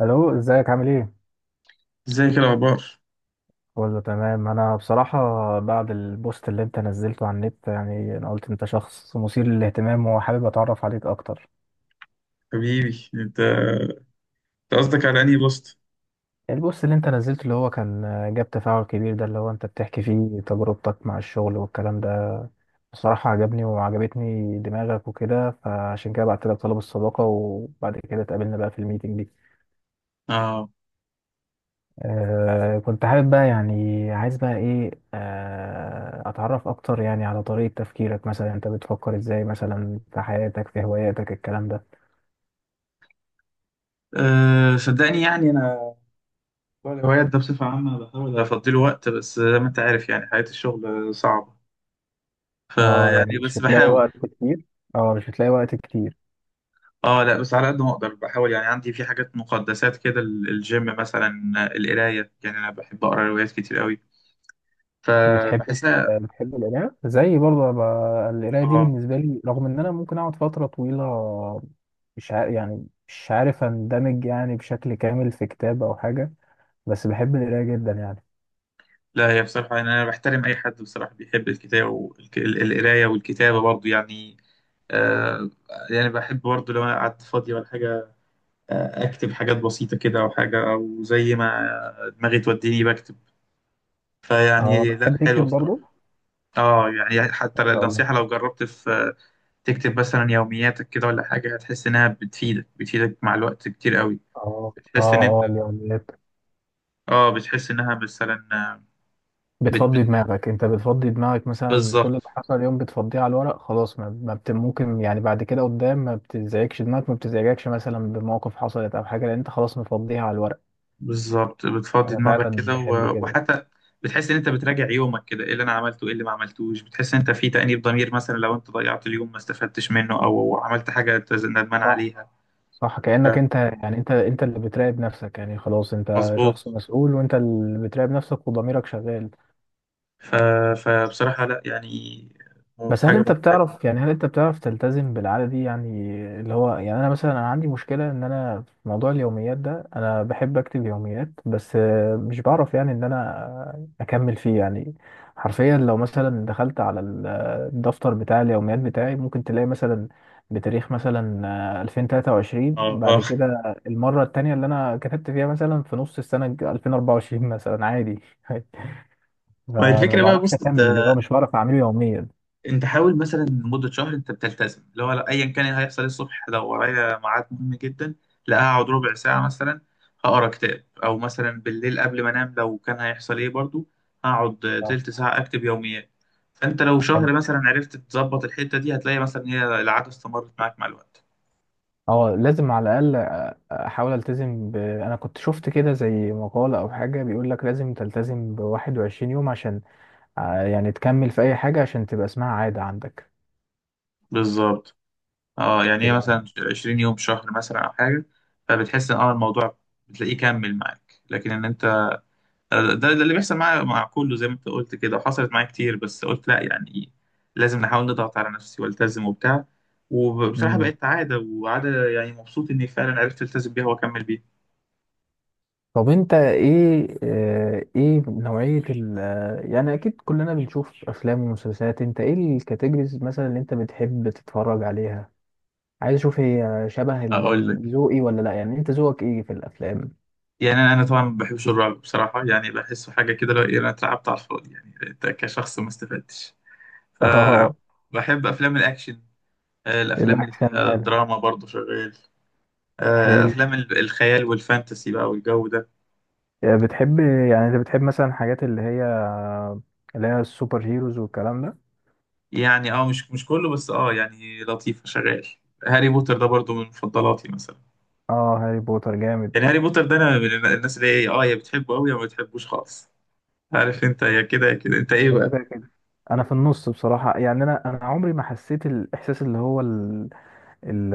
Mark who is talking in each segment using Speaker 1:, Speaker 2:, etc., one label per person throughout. Speaker 1: الو، ازيك؟ عامل ايه؟
Speaker 2: ازيك الاخبار؟
Speaker 1: كله تمام. انا بصراحه بعد البوست اللي انت نزلته على النت، يعني انا قلت انت شخص مثير للاهتمام وحابب اتعرف عليك اكتر.
Speaker 2: حبيبي، انت قصدك على انهي بوست؟
Speaker 1: البوست اللي انت نزلته اللي هو كان جاب تفاعل كبير، ده اللي هو انت بتحكي فيه تجربتك مع الشغل والكلام ده. بصراحه عجبني وعجبتني دماغك وكده، فعشان كده بعت لك طلب الصداقه، وبعد كده اتقابلنا بقى في الميتنج دي.
Speaker 2: اه.
Speaker 1: آه، كنت حابب بقى، يعني عايز بقى ايه، اتعرف اكتر يعني على طريقة تفكيرك، مثلا انت بتفكر ازاي مثلا في حياتك، في هواياتك، الكلام ده.
Speaker 2: صدقني، يعني انا موضوع الهوايات ده بصفه عامه بحاول افضي له وقت، بس زي ما انت عارف يعني حياه الشغل صعبه،
Speaker 1: اه،
Speaker 2: فيعني
Speaker 1: يعني مش
Speaker 2: بس
Speaker 1: بتلاقي
Speaker 2: بحاول.
Speaker 1: وقت كتير. اه، مش بتلاقي وقت كتير.
Speaker 2: اه، لا، بس على قد ما اقدر بحاول، يعني عندي في حاجات مقدسات كده، الجيم مثلا، القرايه، يعني انا بحب اقرا روايات كتير قوي
Speaker 1: بتحب
Speaker 2: فبحسها.
Speaker 1: بتحب القراية زي برضه، القراية دي
Speaker 2: اه،
Speaker 1: بالنسبة لي رغم ان انا ممكن اقعد فترة طويلة مش عارف اندمج يعني بشكل كامل في كتاب او حاجة، بس بحب القراية جدا يعني.
Speaker 2: لا، هي بصراحه يعني انا بحترم اي حد بصراحه بيحب الكتاب والقرايه والكتابه برضه يعني. آه، يعني بحب برضه لو انا قعدت فاضي ولا حاجه اكتب حاجات بسيطه كده او حاجه، او زي ما دماغي توديني بكتب،
Speaker 1: اه،
Speaker 2: فيعني لا،
Speaker 1: بتحب
Speaker 2: حلوه
Speaker 1: تكتب برضه؟
Speaker 2: بصراحه. اه، يعني حتى
Speaker 1: ما شاء الله.
Speaker 2: النصيحه، لو جربت في تكتب مثلا يومياتك كده ولا حاجه هتحس انها بتفيدك مع الوقت كتير قوي.
Speaker 1: اه،
Speaker 2: بتحس ان انت،
Speaker 1: اه، اه، اليوميات.
Speaker 2: اه بتحس انها مثلا، بت... بت...
Speaker 1: بتفضي دماغك انت بتفضي دماغك مثلا كل اللي
Speaker 2: بالظبط.
Speaker 1: حصل اليوم بتفضيه على الورق، خلاص، ما, ما بت ممكن يعني بعد كده قدام ما بتزعجش دماغك، ما بتزعجكش مثلا بمواقف حصلت او حاجه، لان انت خلاص مفضيها على الورق.
Speaker 2: بالظبط، بتفضي
Speaker 1: انا
Speaker 2: دماغك
Speaker 1: فعلا
Speaker 2: كده،
Speaker 1: بحب كده.
Speaker 2: وحتى بتحس ان انت بتراجع يومك كده، ايه اللي انا عملته، ايه اللي ما عملتوش، بتحس ان انت في تأنيب ضمير مثلا لو انت ضيعت اليوم ما استفدتش منه، او عملت حاجة انت ندمان
Speaker 1: صح،
Speaker 2: عليها.
Speaker 1: صح،
Speaker 2: ف-
Speaker 1: كأنك انت، يعني انت اللي بتراقب نفسك، يعني خلاص انت
Speaker 2: مظبوط.
Speaker 1: شخص مسؤول وانت اللي بتراقب نفسك وضميرك شغال.
Speaker 2: ف... فبصراحة، لا، يعني
Speaker 1: بس هل
Speaker 2: حاجة
Speaker 1: انت
Speaker 2: ممتازة.
Speaker 1: بتعرف، يعني هل انت بتعرف تلتزم بالعادة دي؟ يعني اللي هو يعني انا مثلا، انا عندي مشكلة ان انا في موضوع اليوميات ده انا بحب اكتب يوميات، بس مش بعرف يعني ان انا اكمل فيه يعني. حرفيا لو مثلا دخلت على الدفتر بتاع اليوميات بتاعي، ممكن تلاقي مثلا بتاريخ مثلا 2023،
Speaker 2: اه،
Speaker 1: بعد
Speaker 2: اه.
Speaker 1: كده المرة التانية اللي انا كتبت فيها مثلا في نص السنة 2024 مثلا، عادي
Speaker 2: ما هي
Speaker 1: فما
Speaker 2: الفكرة بقى،
Speaker 1: بعرفش
Speaker 2: بص،
Speaker 1: اكمل، اللي هو مش بعرف اعمله يوميا.
Speaker 2: انت حاول مثلا لمده شهر انت بتلتزم، اللي هو لا، ايا كان اللي هيحصل الصبح، لو ورايا ميعاد مهم جدا، لا، هقعد ربع ساعه مثلا هقرا كتاب، او مثلا بالليل قبل ما انام، لو كان هيحصل ايه برضو هقعد
Speaker 1: اه،
Speaker 2: تلت ساعه اكتب يوميات. فانت لو شهر مثلا عرفت تظبط الحته دي هتلاقي مثلا هي العاده استمرت معاك مع الوقت.
Speaker 1: اه، لازم على الاقل احاول التزم انا كنت شفت كده زي مقالة او حاجة بيقول لك لازم تلتزم ب 21 يوم عشان يعني تكمل في اي حاجة عشان تبقى اسمها عادة عندك.
Speaker 2: بالظبط. اه يعني هي
Speaker 1: تبقى.
Speaker 2: مثلا 20 يوم، شهر مثلا، او حاجه، فبتحس ان الموضوع بتلاقيه كمل معاك، لكن ان انت، ده اللي بيحصل معايا مع كله زي ما انت قلت كده، وحصلت معايا كتير، بس قلت لا، يعني لازم نحاول نضغط على نفسي والتزم وبتاع، وبصراحة
Speaker 1: مم.
Speaker 2: بقت عادة، وعادة يعني مبسوط اني فعلا عرفت التزم بيها واكمل بيها.
Speaker 1: طب انت ايه، ايه نوعية ال آه، يعني اكيد كلنا بنشوف افلام ومسلسلات، انت ايه الكاتيجوريز مثلا اللي انت بتحب تتفرج عليها؟ عايز اشوف هي شبه
Speaker 2: اقول لك،
Speaker 1: ذوقي ولا لا، يعني انت ذوقك ايه في الافلام؟
Speaker 2: يعني انا طبعا ما بحبش الرعب بصراحة، يعني بحسه حاجة كده، لو انا اترعبت على الفاضي يعني انت كشخص ما استفدتش.
Speaker 1: اه.
Speaker 2: فبحب افلام الاكشن، الافلام اللي
Speaker 1: الاكشن
Speaker 2: فيها
Speaker 1: حلو.
Speaker 2: دراما برضه شغال،
Speaker 1: حلو.
Speaker 2: افلام الخيال والفانتسي بقى والجو ده.
Speaker 1: بتحب، يعني انت بتحب مثلا الحاجات اللي هي السوبر هيروز والكلام ده.
Speaker 2: يعني مش كله، بس يعني لطيفة شغال. هاري بوتر ده برضو من مفضلاتي مثلا.
Speaker 1: اه، هاري بوتر جامد.
Speaker 2: يعني هاري بوتر ده انا من الناس اللي هي يا بتحبه قوي، يا ما بتحبوش خالص. عارف انت، يا كده يا كده. انت
Speaker 1: انت
Speaker 2: ايه
Speaker 1: كده
Speaker 2: بقى؟
Speaker 1: كده. انا في النص بصراحة، يعني انا عمري ما حسيت الاحساس اللي هو ال...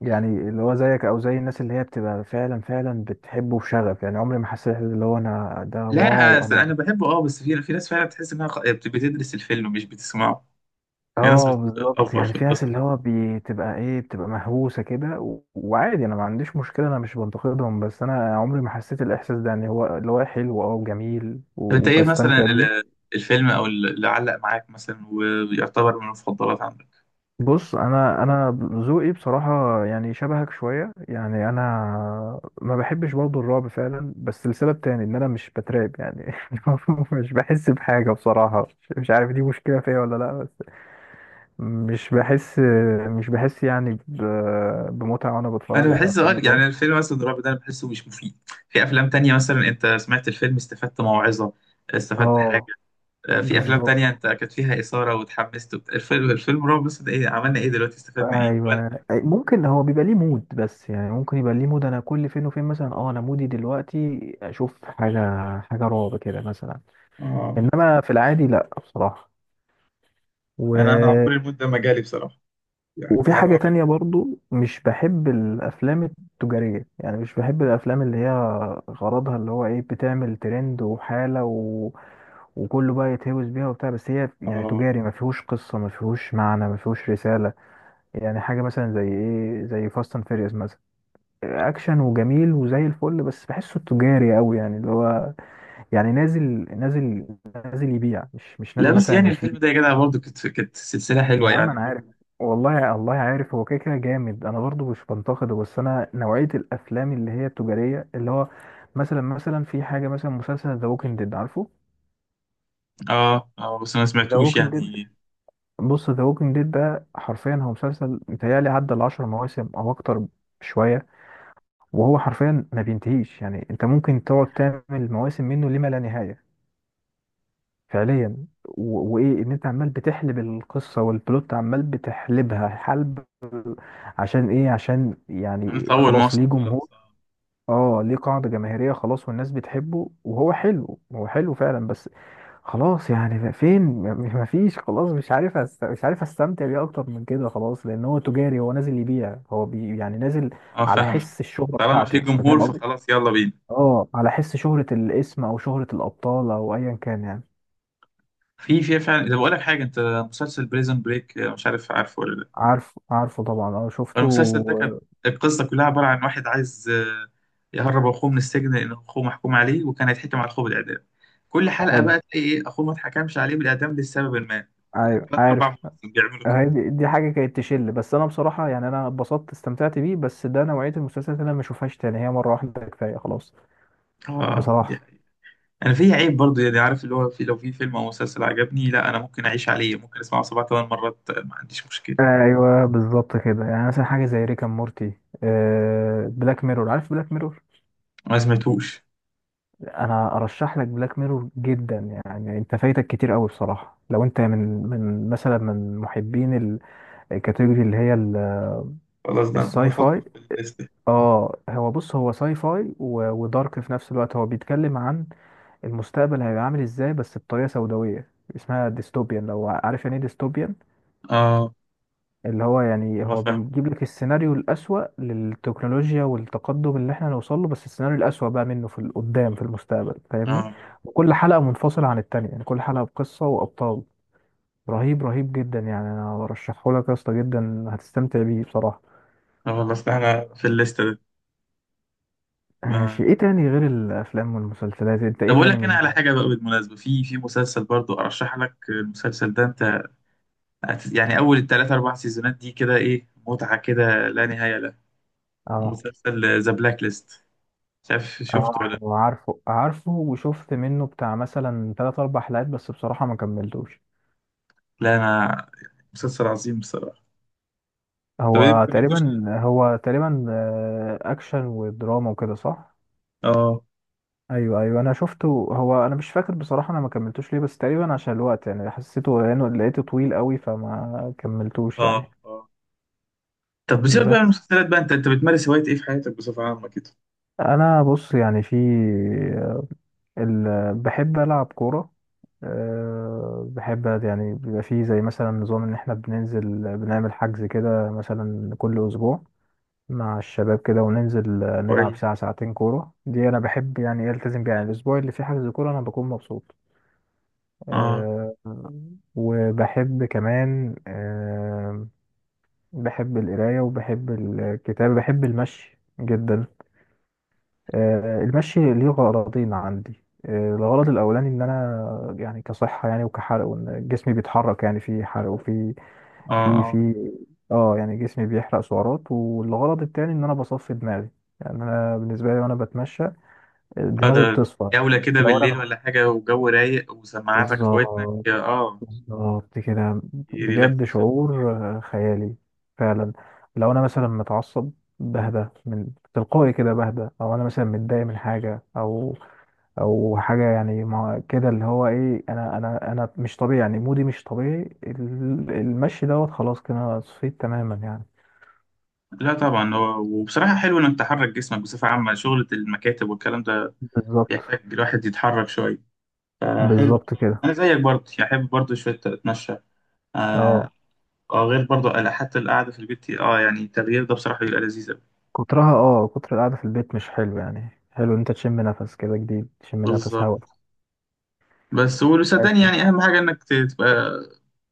Speaker 1: يعني اللي هو زيك او زي الناس اللي هي بتبقى فعلا بتحبه بشغف، يعني عمري ما حسيت اللي هو انا ده
Speaker 2: لا،
Speaker 1: واو
Speaker 2: أصل
Speaker 1: انا.
Speaker 2: انا بحبه، بس في ناس فعلا تحس انها بتدرس الفيلم مش بتسمعه. في ناس
Speaker 1: اه بالظبط،
Speaker 2: بتأفور
Speaker 1: يعني
Speaker 2: في
Speaker 1: في ناس
Speaker 2: القصة
Speaker 1: اللي
Speaker 2: دي.
Speaker 1: هو بتبقى ايه، بتبقى مهووسه كده، وعادي، انا ما عنديش مشكله، انا مش بنتقدهم، بس انا عمري ما حسيت الاحساس ده يعني، هو اللي هو حلو اه وجميل
Speaker 2: طب انت ايه
Speaker 1: وبستمتع
Speaker 2: مثلا
Speaker 1: بيه.
Speaker 2: الفيلم او اللي علق معاك مثلا ويعتبر من المفضلات عندك؟
Speaker 1: بص انا ذوقي بصراحه يعني شبهك شويه، يعني انا ما بحبش برضه الرعب فعلا، بس لسبب تاني ان انا مش بترعب يعني مش بحس بحاجه بصراحه، مش عارف دي مشكله فيا ولا لا. مش بحس. مش بحس يعني بمتعة وانا
Speaker 2: انا
Speaker 1: بتفرج على
Speaker 2: بحس،
Speaker 1: افلام الرعب.
Speaker 2: يعني الفيلم مثلا الرعب ده انا بحسه مش مفيد. في افلام تانية مثلا، انت سمعت الفيلم استفدت موعظة، استفدت حاجة.
Speaker 1: اه
Speaker 2: في افلام تانية
Speaker 1: بالظبط.
Speaker 2: انت كانت فيها اثارة وتحمست، الفيلم رعب بس، ده ايه عملنا ايه دلوقتي، استفدنا ايه ولا
Speaker 1: ايوه،
Speaker 2: حاجة.
Speaker 1: ممكن هو بيبقى ليه مود، بس يعني ممكن يبقى ليه مود، انا كل فين وفين مثلا، اه انا مودي دلوقتي اشوف حاجه، حاجه رعب كده مثلا.
Speaker 2: اه،
Speaker 1: انما في العادي لا بصراحه.
Speaker 2: انا عمري الموت ده ما جالي بصراحة. يعني
Speaker 1: وفي
Speaker 2: يعني
Speaker 1: حاجة
Speaker 2: والله.
Speaker 1: تانية برضو مش بحب الأفلام التجارية، يعني مش بحب الأفلام اللي هي غرضها اللي هو إيه، بتعمل ترند وحالة و... وكله بقى يتهوس بيها وبتاع، بس هي يعني
Speaker 2: اه،
Speaker 1: تجاري، ما فيهوش قصة، ما فيهوش معنى، ما فيهوش رسالة. يعني حاجة مثلا زي إيه، زي فاست أند فيريوس مثلا، أكشن وجميل وزي الفل، بس بحسه تجاري أوي، يعني اللي هو يعني نازل، نازل نازل يبيع، مش
Speaker 2: لا،
Speaker 1: نازل
Speaker 2: بس
Speaker 1: مثلا
Speaker 2: يعني الفيلم
Speaker 1: يفيد.
Speaker 2: ده يا جدع برضه كانت سلسلة
Speaker 1: يا
Speaker 2: حلوة
Speaker 1: عم
Speaker 2: يعني.
Speaker 1: انا عارف، والله الله عارف هو كده كده جامد، انا برضو مش بنتقده، بس انا نوعيه الافلام اللي هي التجاريه اللي هو مثلا في حاجه مثلا، مسلسل ذا ووكينج ديد، عارفه؟
Speaker 2: اه، اه، بس ما
Speaker 1: ذا
Speaker 2: سمعتوش
Speaker 1: ووكينج ديد.
Speaker 2: يعني.
Speaker 1: بص ذا ووكينج ديد ده حرفيا هو مسلسل، متهيألي عدى العشر مواسم او اكتر شويه، وهو حرفيا ما بينتهيش، يعني انت ممكن تقعد تعمل مواسم منه لما لا نهايه، فعليا. وايه ان انت عمال بتحلب القصه والبلوت عمال بتحلبها حلب، عشان ايه؟ عشان
Speaker 2: انا في
Speaker 1: يعني
Speaker 2: اول
Speaker 1: خلاص ليه
Speaker 2: موسم
Speaker 1: جمهور.
Speaker 2: خلاص، اه.
Speaker 1: اه، ليه قاعده جماهيريه خلاص، والناس بتحبه، وهو حلو، هو حلو فعلا، بس خلاص يعني فين مفيش، خلاص مش عارف مش عارف استمتع بيه اكتر من كده، خلاص لان هو تجاري، هو نازل يبيع، يعني نازل على
Speaker 2: فاهم.
Speaker 1: حس الشهره
Speaker 2: طالما في
Speaker 1: بتاعته،
Speaker 2: جمهور
Speaker 1: تمام، قصدي
Speaker 2: فخلاص يلا بينا.
Speaker 1: اه على حس شهره الاسم او شهره الابطال او ايا كان يعني.
Speaker 2: في فعلا، ده بقول لك حاجه. انت مسلسل بريزن بريك، مش عارف عارفه ولا لا؟
Speaker 1: عارفه، عارفه طبعا، اه شفته.
Speaker 2: المسلسل ده كانت القصه كلها عباره عن واحد عايز يهرب اخوه من السجن لان اخوه محكوم عليه، وكان هيتحكم على اخوه بالاعدام. كل حلقه
Speaker 1: حلو.
Speaker 2: بقى تلاقي ايه، اخوه ما اتحكمش عليه بالاعدام لسبب ما.
Speaker 1: ايوه
Speaker 2: ثلاث
Speaker 1: عارف.
Speaker 2: اربع مواسم بيعملوا كده.
Speaker 1: هي دي، دي حاجه كانت تشل، بس انا بصراحه يعني انا اتبسطت، استمتعت بيه، بس ده نوعيه المسلسلات اللي انا ما اشوفهاش تاني، هي مره واحده كفايه خلاص
Speaker 2: اه، دي
Speaker 1: بصراحه.
Speaker 2: حقيقة. انا في عيب برضه، يعني عارف اللي هو، في لو في فيلم او مسلسل عجبني، لا، انا ممكن اعيش عليه، ممكن اسمعه سبع ثمان مرات، ما عنديش مشكله.
Speaker 1: ايوه بالظبط كده، يعني مثلا حاجه زي ريكا مورتي، آه، بلاك ميرور، عارف بلاك ميرور؟
Speaker 2: ما سمعتوش.
Speaker 1: انا ارشح لك بلاك ميرور جدا، يعني انت فايتك كتير قوي بصراحه لو انت من، من مثلا من محبين الكاتيجوري اللي هي
Speaker 2: خلاص، ده
Speaker 1: الساي
Speaker 2: نحطه
Speaker 1: فاي.
Speaker 2: في الليست.
Speaker 1: اه، هو بص هو ساي فاي ودارك في نفس الوقت، هو بيتكلم عن المستقبل هيبقى عامل ازاي، بس بطريقه سوداويه، اسمها ديستوبيان، لو عارف يعني ايه ديستوبيان.
Speaker 2: اه،
Speaker 1: اللي هو يعني
Speaker 2: ما
Speaker 1: هو
Speaker 2: فاهم،
Speaker 1: بيجيب لك السيناريو الأسوأ للتكنولوجيا والتقدم اللي احنا نوصل له، بس السيناريو الأسوأ بقى منه في قدام في المستقبل، فاهمني.
Speaker 2: اه.
Speaker 1: وكل حلقه منفصله عن التانية، يعني كل حلقه بقصه وابطال. رهيب، رهيب جدا يعني، انا برشحه لك يا اسطى، جدا هتستمتع بيه بصراحه.
Speaker 2: اه، والله، أصل احنا في الليسته دي ما...
Speaker 1: ماشي. ايه تاني غير الافلام والمسلسلات؟ انت
Speaker 2: طب
Speaker 1: ايه
Speaker 2: اقول
Speaker 1: تاني
Speaker 2: لك انا
Speaker 1: من
Speaker 2: على حاجه بقى، بالمناسبه، في مسلسل برضو ارشح لك المسلسل ده، انت يعني اول الثلاث اربع سيزونات دي كده ايه، متعه كده لا نهايه لها.
Speaker 1: هواية؟
Speaker 2: مسلسل ذا بلاك ليست، مش عارف شفته
Speaker 1: اه،
Speaker 2: ولا؟
Speaker 1: عارفه عارفه، وشفت منه بتاع مثلا تلات أربع حلقات، بس بصراحة ما كملتوش.
Speaker 2: لا، لا، انا مسلسل عظيم بصراحه. طب ايه ما كملتوش ليه؟
Speaker 1: هو تقريبا آه، أكشن ودراما وكده صح؟
Speaker 2: اه،
Speaker 1: أيوه، أيوه، أنا شفته. هو أنا مش فاكر بصراحة أنا ما كملتوش ليه، بس تقريبا عشان الوقت يعني، حسيته لأنه لقيته طويل قوي، فما كملتوش
Speaker 2: اه،
Speaker 1: يعني.
Speaker 2: اه. طب بسيبك بقى من
Speaker 1: بس
Speaker 2: المسلسلات، بقى انت بتمارس هوايه ايه في حياتك بصفه عامه كده؟
Speaker 1: أنا بص يعني بحب ألعب كورة. أه بحب، يعني بيبقى فيه زي مثلا نظام إن إحنا بننزل، بنعمل حجز كده مثلا كل أسبوع مع الشباب كده، وننزل نلعب
Speaker 2: كويس،
Speaker 1: ساعة ساعتين كورة، دي أنا بحب يعني إيه ألتزم بيها، يعني الأسبوع اللي فيه حجز كورة أنا بكون مبسوط.
Speaker 2: اه،
Speaker 1: أه. وبحب كمان أه، بحب القراية وبحب الكتابة، بحب المشي جدا. المشي ليه غرضين عندي، الغرض الاولاني ان انا يعني كصحه يعني، وكحرق، وان جسمي بيتحرك، يعني في حرق وفي،
Speaker 2: اه، آه.
Speaker 1: في اه يعني جسمي بيحرق سعرات، والغرض التاني ان انا بصفي دماغي، يعني انا بالنسبه لي وانا بتمشى
Speaker 2: اه،
Speaker 1: دماغي
Speaker 2: ده
Speaker 1: بتصفى.
Speaker 2: جولة كده
Speaker 1: لو انا
Speaker 2: بالليل ولا حاجة، وجو رايق وسماعاتك في ودنك،
Speaker 1: بالظبط،
Speaker 2: اه.
Speaker 1: بالظبط كده. بجد
Speaker 2: ريلاكسيشن
Speaker 1: شعور
Speaker 2: خطير.
Speaker 1: خيالي فعلا. لو انا مثلا متعصب، بهدى من، تلقائي كده بهدى، او انا مثلا متضايق من حاجه او او حاجه يعني، ما كده اللي هو ايه، انا مش طبيعي، يعني مودي مش طبيعي، المشي دوت خلاص كده، أنا صفيت تماما يعني.
Speaker 2: لا طبعا، هو وبصراحة حلو انك تحرك جسمك بصفة عامة، شغلة المكاتب والكلام ده
Speaker 1: بالظبط،
Speaker 2: يحتاج الواحد يتحرك شوية، فحلو
Speaker 1: بالظبط
Speaker 2: بصراحة.
Speaker 1: كده.
Speaker 2: انا زيك برضه، يعني احب برضه شوية اتمشى. اه،
Speaker 1: اه.
Speaker 2: غير برضه حتى القعدة في البيت، يعني التغيير ده بصراحة بيبقى لذيذ أوي.
Speaker 1: كترها، اه، كتر القعده في البيت مش حلو، يعني حلو إن انت تشم نفس كده جديد، تشم نفس هوا.
Speaker 2: بالظبط. بس وصدقني
Speaker 1: ماشي.
Speaker 2: يعني اهم حاجة انك تبقى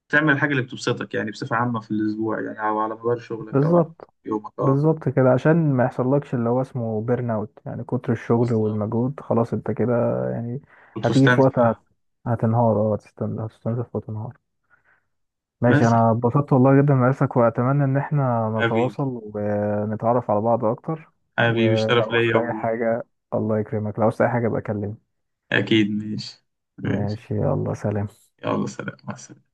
Speaker 2: تعمل الحاجة اللي بتبسطك، يعني بصفة عامة في الأسبوع، يعني أو على مدار شغلك، أو على
Speaker 1: بالظبط،
Speaker 2: يومك.
Speaker 1: بالظبط كده عشان ما يحصلكش اللي هو اسمه بيرن اوت، يعني كتر الشغل
Speaker 2: بالظبط.
Speaker 1: والمجهود، خلاص انت كده يعني،
Speaker 2: كنت
Speaker 1: هتيجي في وقت
Speaker 2: مستنزف، اه.
Speaker 1: هتنهار، اه، هتستنزف وتنهار. ماشي،
Speaker 2: بس،
Speaker 1: انا اتبسطت والله جدا مقاسك، واتمنى ان احنا
Speaker 2: حبيبي،
Speaker 1: نتواصل ونتعرف على بعض اكتر.
Speaker 2: حبيبي الشرف
Speaker 1: ولو
Speaker 2: ليا
Speaker 1: عوزت اي
Speaker 2: و...
Speaker 1: حاجة، الله يكرمك، لو عوزت اي حاجة بكلمني.
Speaker 2: أكيد، ماشي. ماشي،
Speaker 1: ماشي، يلا سلام.
Speaker 2: يلا سلام، مع السلامة.